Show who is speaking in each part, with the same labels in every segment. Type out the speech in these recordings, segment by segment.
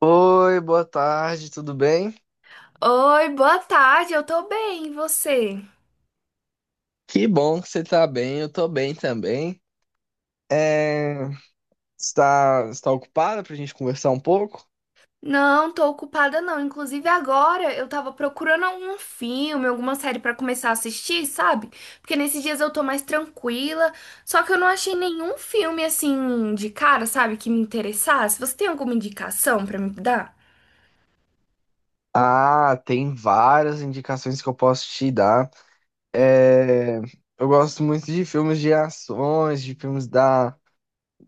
Speaker 1: Oi, boa tarde, tudo bem?
Speaker 2: Oi, boa tarde, eu tô bem, e você?
Speaker 1: Que bom que você tá bem, eu tô bem também. É... está ocupada pra gente conversar um pouco?
Speaker 2: Não, tô ocupada não. Inclusive agora eu tava procurando algum filme, alguma série pra começar a assistir, sabe? Porque nesses dias eu tô mais tranquila, só que eu não achei nenhum filme assim de cara, sabe, que me interessasse. Você tem alguma indicação pra me dar?
Speaker 1: Ah, tem várias indicações que eu posso te dar. É... Eu gosto muito de filmes de ações, de filmes da,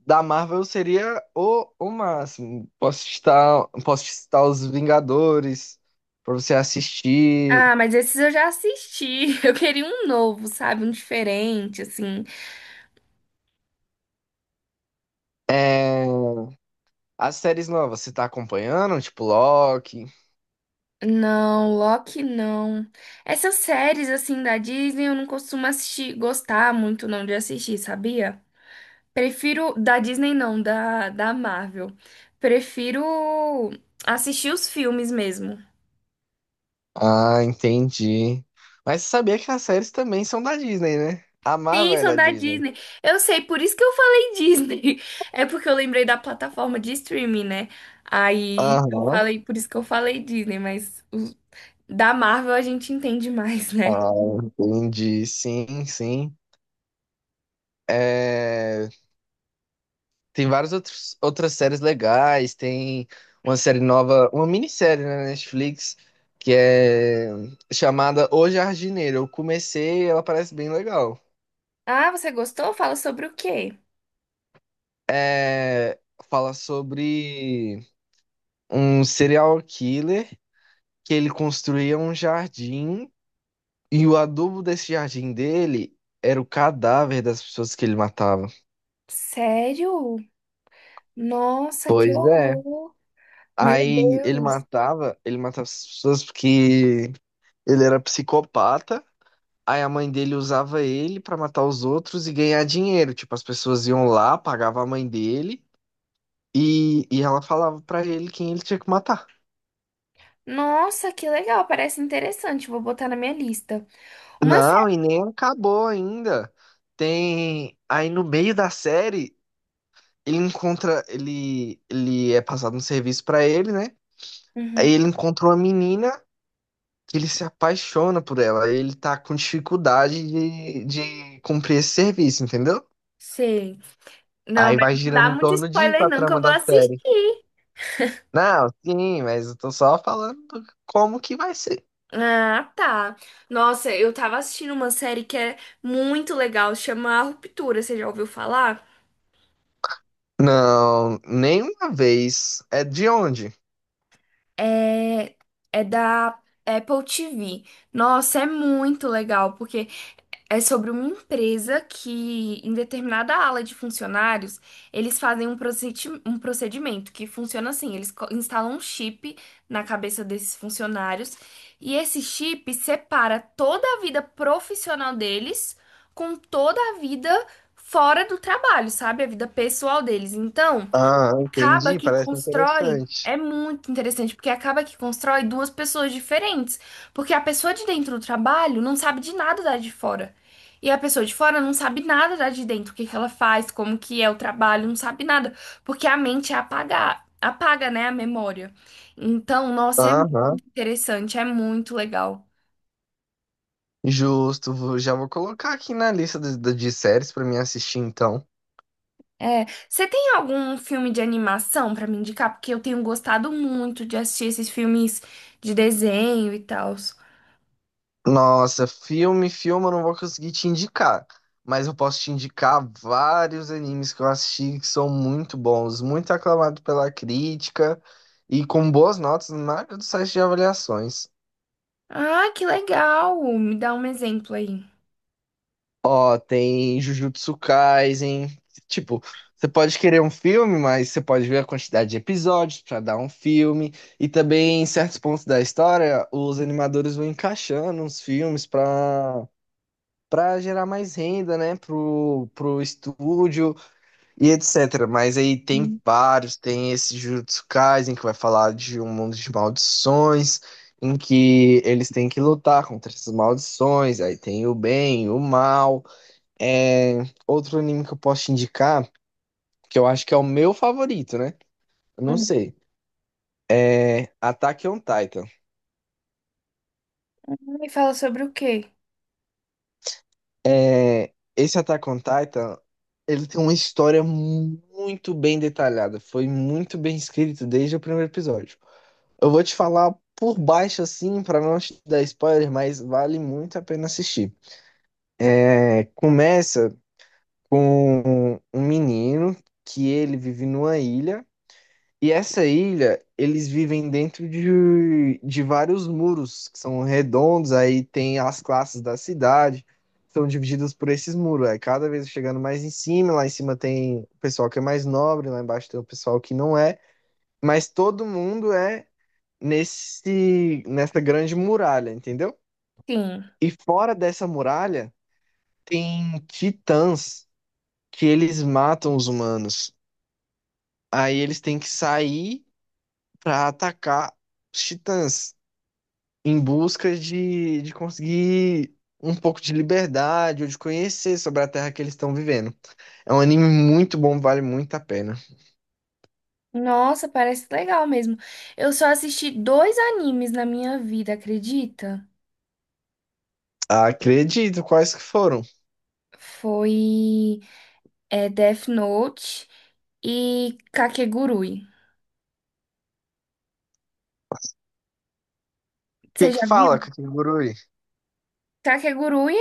Speaker 1: da Marvel, seria o máximo. Posso te citar Os Vingadores pra você assistir.
Speaker 2: Ah, mas esses eu já assisti. Eu queria um novo, sabe? Um diferente, assim.
Speaker 1: É... As séries novas, você tá acompanhando? Tipo Loki?
Speaker 2: Não, Loki não. Essas séries assim da Disney eu não costumo assistir, gostar muito não de assistir, sabia? Prefiro da Disney não, da Marvel. Prefiro assistir os filmes mesmo.
Speaker 1: Ah, entendi. Mas você sabia que as séries também são da Disney, né? A Marvel
Speaker 2: Sim,
Speaker 1: é
Speaker 2: são
Speaker 1: da
Speaker 2: da
Speaker 1: Disney.
Speaker 2: Disney. Eu sei, por isso que eu falei Disney. É porque eu lembrei da plataforma de streaming, né? Aí eu
Speaker 1: Aham.
Speaker 2: falei, por isso que eu falei Disney. Da Marvel a gente entende mais, né?
Speaker 1: Ah, entendi. Sim, sim. É, Tem várias outros outras séries legais. Tem uma série nova, uma minissérie né, na Netflix, que é chamada O Jardineiro. Eu comecei, ela parece bem legal.
Speaker 2: Ah, você gostou? Fala sobre o quê?
Speaker 1: É, Fala sobre um serial killer que ele construía um jardim. E o adubo desse jardim dele era o cadáver das pessoas que ele matava.
Speaker 2: Sério? Nossa, que
Speaker 1: Pois é.
Speaker 2: horror! Meu
Speaker 1: Aí
Speaker 2: Deus!
Speaker 1: ele matava as pessoas porque ele era psicopata. Aí a mãe dele usava ele pra matar os outros e ganhar dinheiro. Tipo, as pessoas iam lá, pagavam a mãe dele e ela falava pra ele quem ele tinha que matar.
Speaker 2: Nossa, que legal! Parece interessante. Vou botar na minha lista. Uma
Speaker 1: Não,
Speaker 2: série.
Speaker 1: e nem acabou ainda. Tem. Aí no meio da série, ele encontra. Ele é passado um serviço pra ele, né? Aí
Speaker 2: Uhum.
Speaker 1: ele encontrou uma menina que ele se apaixona por ela. Aí ele tá com dificuldade de cumprir esse serviço, entendeu?
Speaker 2: Sei. Não,
Speaker 1: Aí
Speaker 2: mas
Speaker 1: vai
Speaker 2: não
Speaker 1: girando
Speaker 2: dá
Speaker 1: em
Speaker 2: muito
Speaker 1: torno disso
Speaker 2: spoiler
Speaker 1: a
Speaker 2: não que eu
Speaker 1: trama
Speaker 2: vou
Speaker 1: da série.
Speaker 2: assistir.
Speaker 1: Não, sim, mas eu tô só falando como que vai ser.
Speaker 2: Ah, tá. Nossa, eu tava assistindo uma série que é muito legal, chama A Ruptura, você já ouviu falar?
Speaker 1: Não, nenhuma vez. É de onde?
Speaker 2: É, é da Apple TV. Nossa, é muito legal, porque é sobre uma empresa que, em determinada ala de funcionários, eles fazem um um procedimento que funciona assim: eles instalam um chip na cabeça desses funcionários e esse chip separa toda a vida profissional deles com toda a vida fora do trabalho, sabe? A vida pessoal deles. Então
Speaker 1: Ah,
Speaker 2: acaba
Speaker 1: entendi,
Speaker 2: que
Speaker 1: parece
Speaker 2: constrói.
Speaker 1: interessante.
Speaker 2: É muito interessante, porque acaba que constrói duas pessoas diferentes. Porque a pessoa de dentro do trabalho não sabe de nada da de fora. E a pessoa de fora não sabe nada da de dentro, o que que ela faz, como que é o trabalho, não sabe nada. Porque a mente é apaga, apaga, né, a memória. Então, nossa, é muito
Speaker 1: Aham,
Speaker 2: interessante, é muito legal.
Speaker 1: justo. Já vou colocar aqui na lista de séries pra mim assistir então.
Speaker 2: É, você tem algum filme de animação pra me indicar? Porque eu tenho gostado muito de assistir esses filmes de desenho e tal.
Speaker 1: Nossa, filme, eu não vou conseguir te indicar, mas eu posso te indicar vários animes que eu assisti que são muito bons, muito aclamados pela crítica e com boas notas na maioria dos sites de avaliações.
Speaker 2: Ah, que legal! Me dá um exemplo aí.
Speaker 1: Ó, tem Jujutsu Kaisen, tipo, você pode querer um filme, mas você pode ver a quantidade de episódios pra dar um filme e também em certos pontos da história, os animadores vão encaixando uns filmes pra para gerar mais renda, né, pro estúdio e etc. Mas aí tem
Speaker 2: Hum.
Speaker 1: vários, tem esse Jujutsu Kaisen que vai falar de um mundo de maldições, em que eles têm que lutar contra essas maldições, aí tem o bem, o mal. É... Outro anime que eu posso te indicar, que eu acho que é o meu favorito, né? Eu não
Speaker 2: Hum,
Speaker 1: sei. É Attack on Titan.
Speaker 2: Me fala sobre o quê?
Speaker 1: É, esse Attack on Titan, ele tem uma história muito bem detalhada. Foi muito bem escrito desde o primeiro episódio. Eu vou te falar por baixo, assim, pra não te dar spoiler, mas vale muito a pena assistir. É, começa com um menino que ele vive numa ilha. E essa ilha, eles vivem dentro de vários muros, que são redondos, aí tem as classes da cidade, são divididas por esses muros. Aí cada vez chegando mais em cima, lá em cima tem o pessoal que é mais nobre, lá embaixo tem o pessoal que não é, mas todo mundo é nessa grande muralha, entendeu?
Speaker 2: Sim.
Speaker 1: E fora dessa muralha, tem titãs que eles matam os humanos. Aí eles têm que sair para atacar os titãs em busca de conseguir um pouco de liberdade ou de conhecer sobre a terra que eles estão vivendo. É um anime muito bom, vale muito a pena.
Speaker 2: Nossa, parece legal mesmo. Eu só assisti dois animes na minha vida, acredita?
Speaker 1: Acredito, quais que foram? O
Speaker 2: Foi Death Note e Kakegurui.
Speaker 1: que
Speaker 2: Você
Speaker 1: que
Speaker 2: já
Speaker 1: fala,
Speaker 2: viu?
Speaker 1: Kakegurui?
Speaker 2: Kakegurui.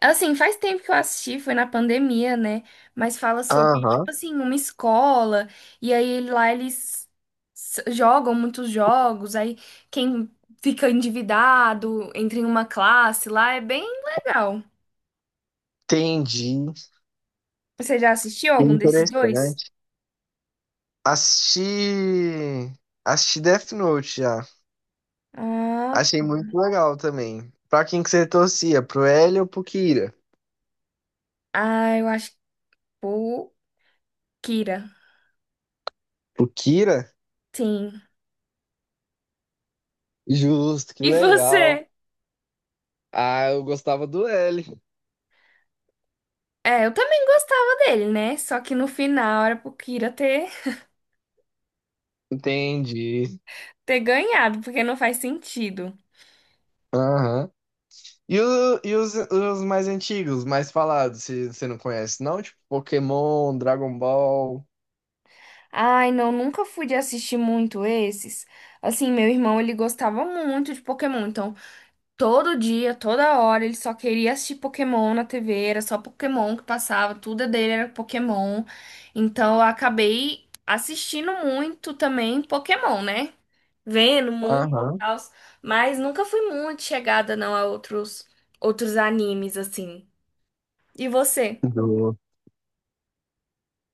Speaker 2: Assim, faz tempo que eu assisti, foi na pandemia, né? Mas fala sobre, tipo
Speaker 1: Aham,
Speaker 2: assim, uma escola, e aí lá eles jogam muitos jogos, aí quem fica endividado entra em uma classe lá, é bem legal.
Speaker 1: entendi.
Speaker 2: Você já assistiu algum desses dois?
Speaker 1: Interessante. Assisti. Assisti Death Note já.
Speaker 2: Ah,
Speaker 1: Achei muito legal também. Pra quem que você torcia? Pro L ou pro Kira?
Speaker 2: ah, eu acho que o Kira.
Speaker 1: Pro Kira?
Speaker 2: Sim.
Speaker 1: Justo, que
Speaker 2: E
Speaker 1: legal.
Speaker 2: você?
Speaker 1: Ah, eu gostava do L.
Speaker 2: É, eu também gostava dele, né? Só que no final era pro Kira ter,
Speaker 1: Entendi.
Speaker 2: ter ganhado, porque não faz sentido.
Speaker 1: Aham. E, e os mais antigos, mais falados, se você não conhece, não? Tipo, Pokémon, Dragon Ball.
Speaker 2: Ai, não, nunca fui de assistir muito esses. Assim, meu irmão, ele gostava muito de Pokémon, então todo dia, toda hora, ele só queria assistir Pokémon na TV, era só Pokémon que passava, tudo é dele era Pokémon. Então eu acabei assistindo muito também Pokémon, né? Vendo muito e
Speaker 1: Aham.
Speaker 2: tal, mas nunca fui muito chegada não a outros animes assim. E você?
Speaker 1: Do...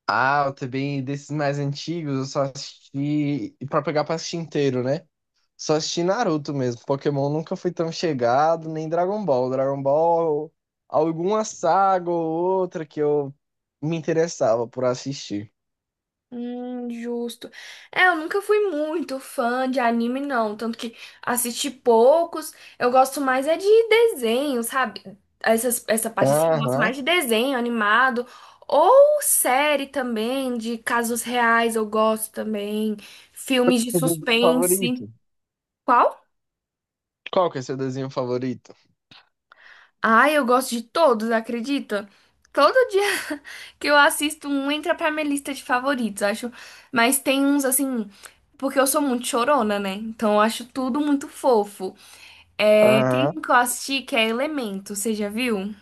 Speaker 1: Ah, eu também, desses mais antigos, eu só assisti. E pra pegar pra assistir inteiro, né? Só assisti Naruto mesmo. Pokémon nunca fui tão chegado, nem Dragon Ball. Dragon Ball, alguma saga ou outra que eu me interessava por assistir.
Speaker 2: Justo. É, eu nunca fui muito fã de anime, não. Tanto que assisti poucos. Eu gosto mais é de desenho, sabe? Essas, essa parte assim, eu gosto mais
Speaker 1: Aham.
Speaker 2: de desenho animado. Ou série também, de casos reais, eu gosto também. Filmes de
Speaker 1: Seu desenho
Speaker 2: suspense.
Speaker 1: favorito?
Speaker 2: Qual?
Speaker 1: Qual que é seu desenho favorito?
Speaker 2: Ai, eu gosto de todos, acredita? Todo dia que eu assisto um entra pra minha lista de favoritos, acho. Mas tem uns assim, porque eu sou muito chorona, né? Então eu acho tudo muito fofo. É, tem
Speaker 1: Aham.
Speaker 2: um que eu assisti que é Elemento, você já viu?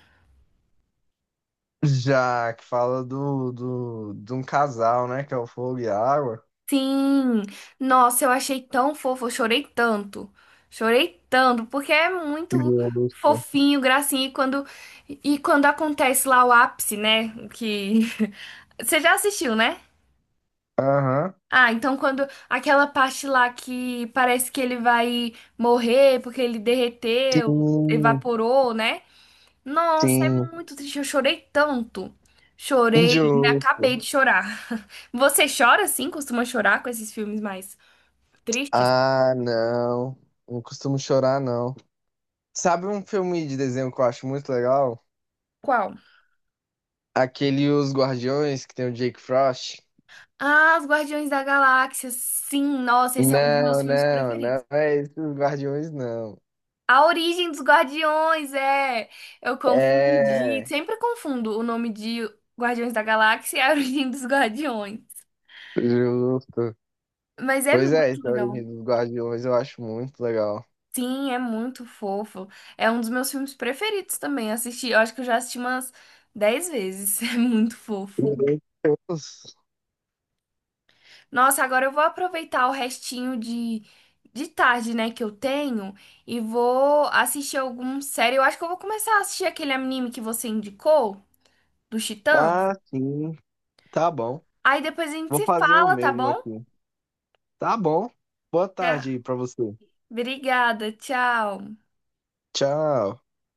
Speaker 1: Já, que fala de um casal, né? Que é o Fogo e a Água.
Speaker 2: Sim! Nossa, eu achei tão fofo, eu chorei tanto. Chorei tanto, porque é muito
Speaker 1: Justo.
Speaker 2: fofinho, gracinha. E quando acontece lá o ápice, né? Que. Você já assistiu, né?
Speaker 1: Aham.
Speaker 2: Ah, então quando aquela parte lá que parece que ele vai morrer porque ele derreteu,
Speaker 1: Sim,
Speaker 2: evaporou, né? Nossa, é
Speaker 1: sim.
Speaker 2: muito triste. Eu chorei tanto. Chorei, me
Speaker 1: Injusto.
Speaker 2: acabei de chorar. Você chora assim? Costuma chorar com esses filmes mais tristes?
Speaker 1: Ah, não. Não costumo chorar, não. Sabe um filme de desenho que eu acho muito legal?
Speaker 2: Qual?
Speaker 1: Aquele Os Guardiões, que tem o Jake Frost.
Speaker 2: Ah, Os Guardiões da Galáxia. Sim, nossa, esse é um dos meus
Speaker 1: Não,
Speaker 2: filmes
Speaker 1: não,
Speaker 2: preferidos.
Speaker 1: não é esse Os Guardiões, não.
Speaker 2: A Origem dos Guardiões, é. Eu confundi.
Speaker 1: É,
Speaker 2: Sempre confundo o nome de Guardiões da Galáxia e a Origem dos Guardiões.
Speaker 1: justo.
Speaker 2: Mas é
Speaker 1: Pois é,
Speaker 2: muito
Speaker 1: essa
Speaker 2: legal.
Speaker 1: origem dos Guardiões eu acho muito legal.
Speaker 2: Sim, é muito fofo. É um dos meus filmes preferidos também. Assisti, eu acho que eu já assisti umas 10 vezes. É muito fofo.
Speaker 1: Meu Deus.
Speaker 2: Nossa, agora eu vou aproveitar o restinho de tarde, né, que eu tenho e vou assistir algum série. Eu acho que eu vou começar a assistir aquele anime que você indicou, do Titãs.
Speaker 1: Ah, sim. Tá bom.
Speaker 2: Aí depois a gente
Speaker 1: Vou
Speaker 2: se
Speaker 1: fazer o
Speaker 2: fala, tá
Speaker 1: mesmo
Speaker 2: bom?
Speaker 1: aqui. Tá bom. Boa
Speaker 2: Tá.
Speaker 1: tarde pra você.
Speaker 2: Obrigada, tchau.
Speaker 1: Tchau.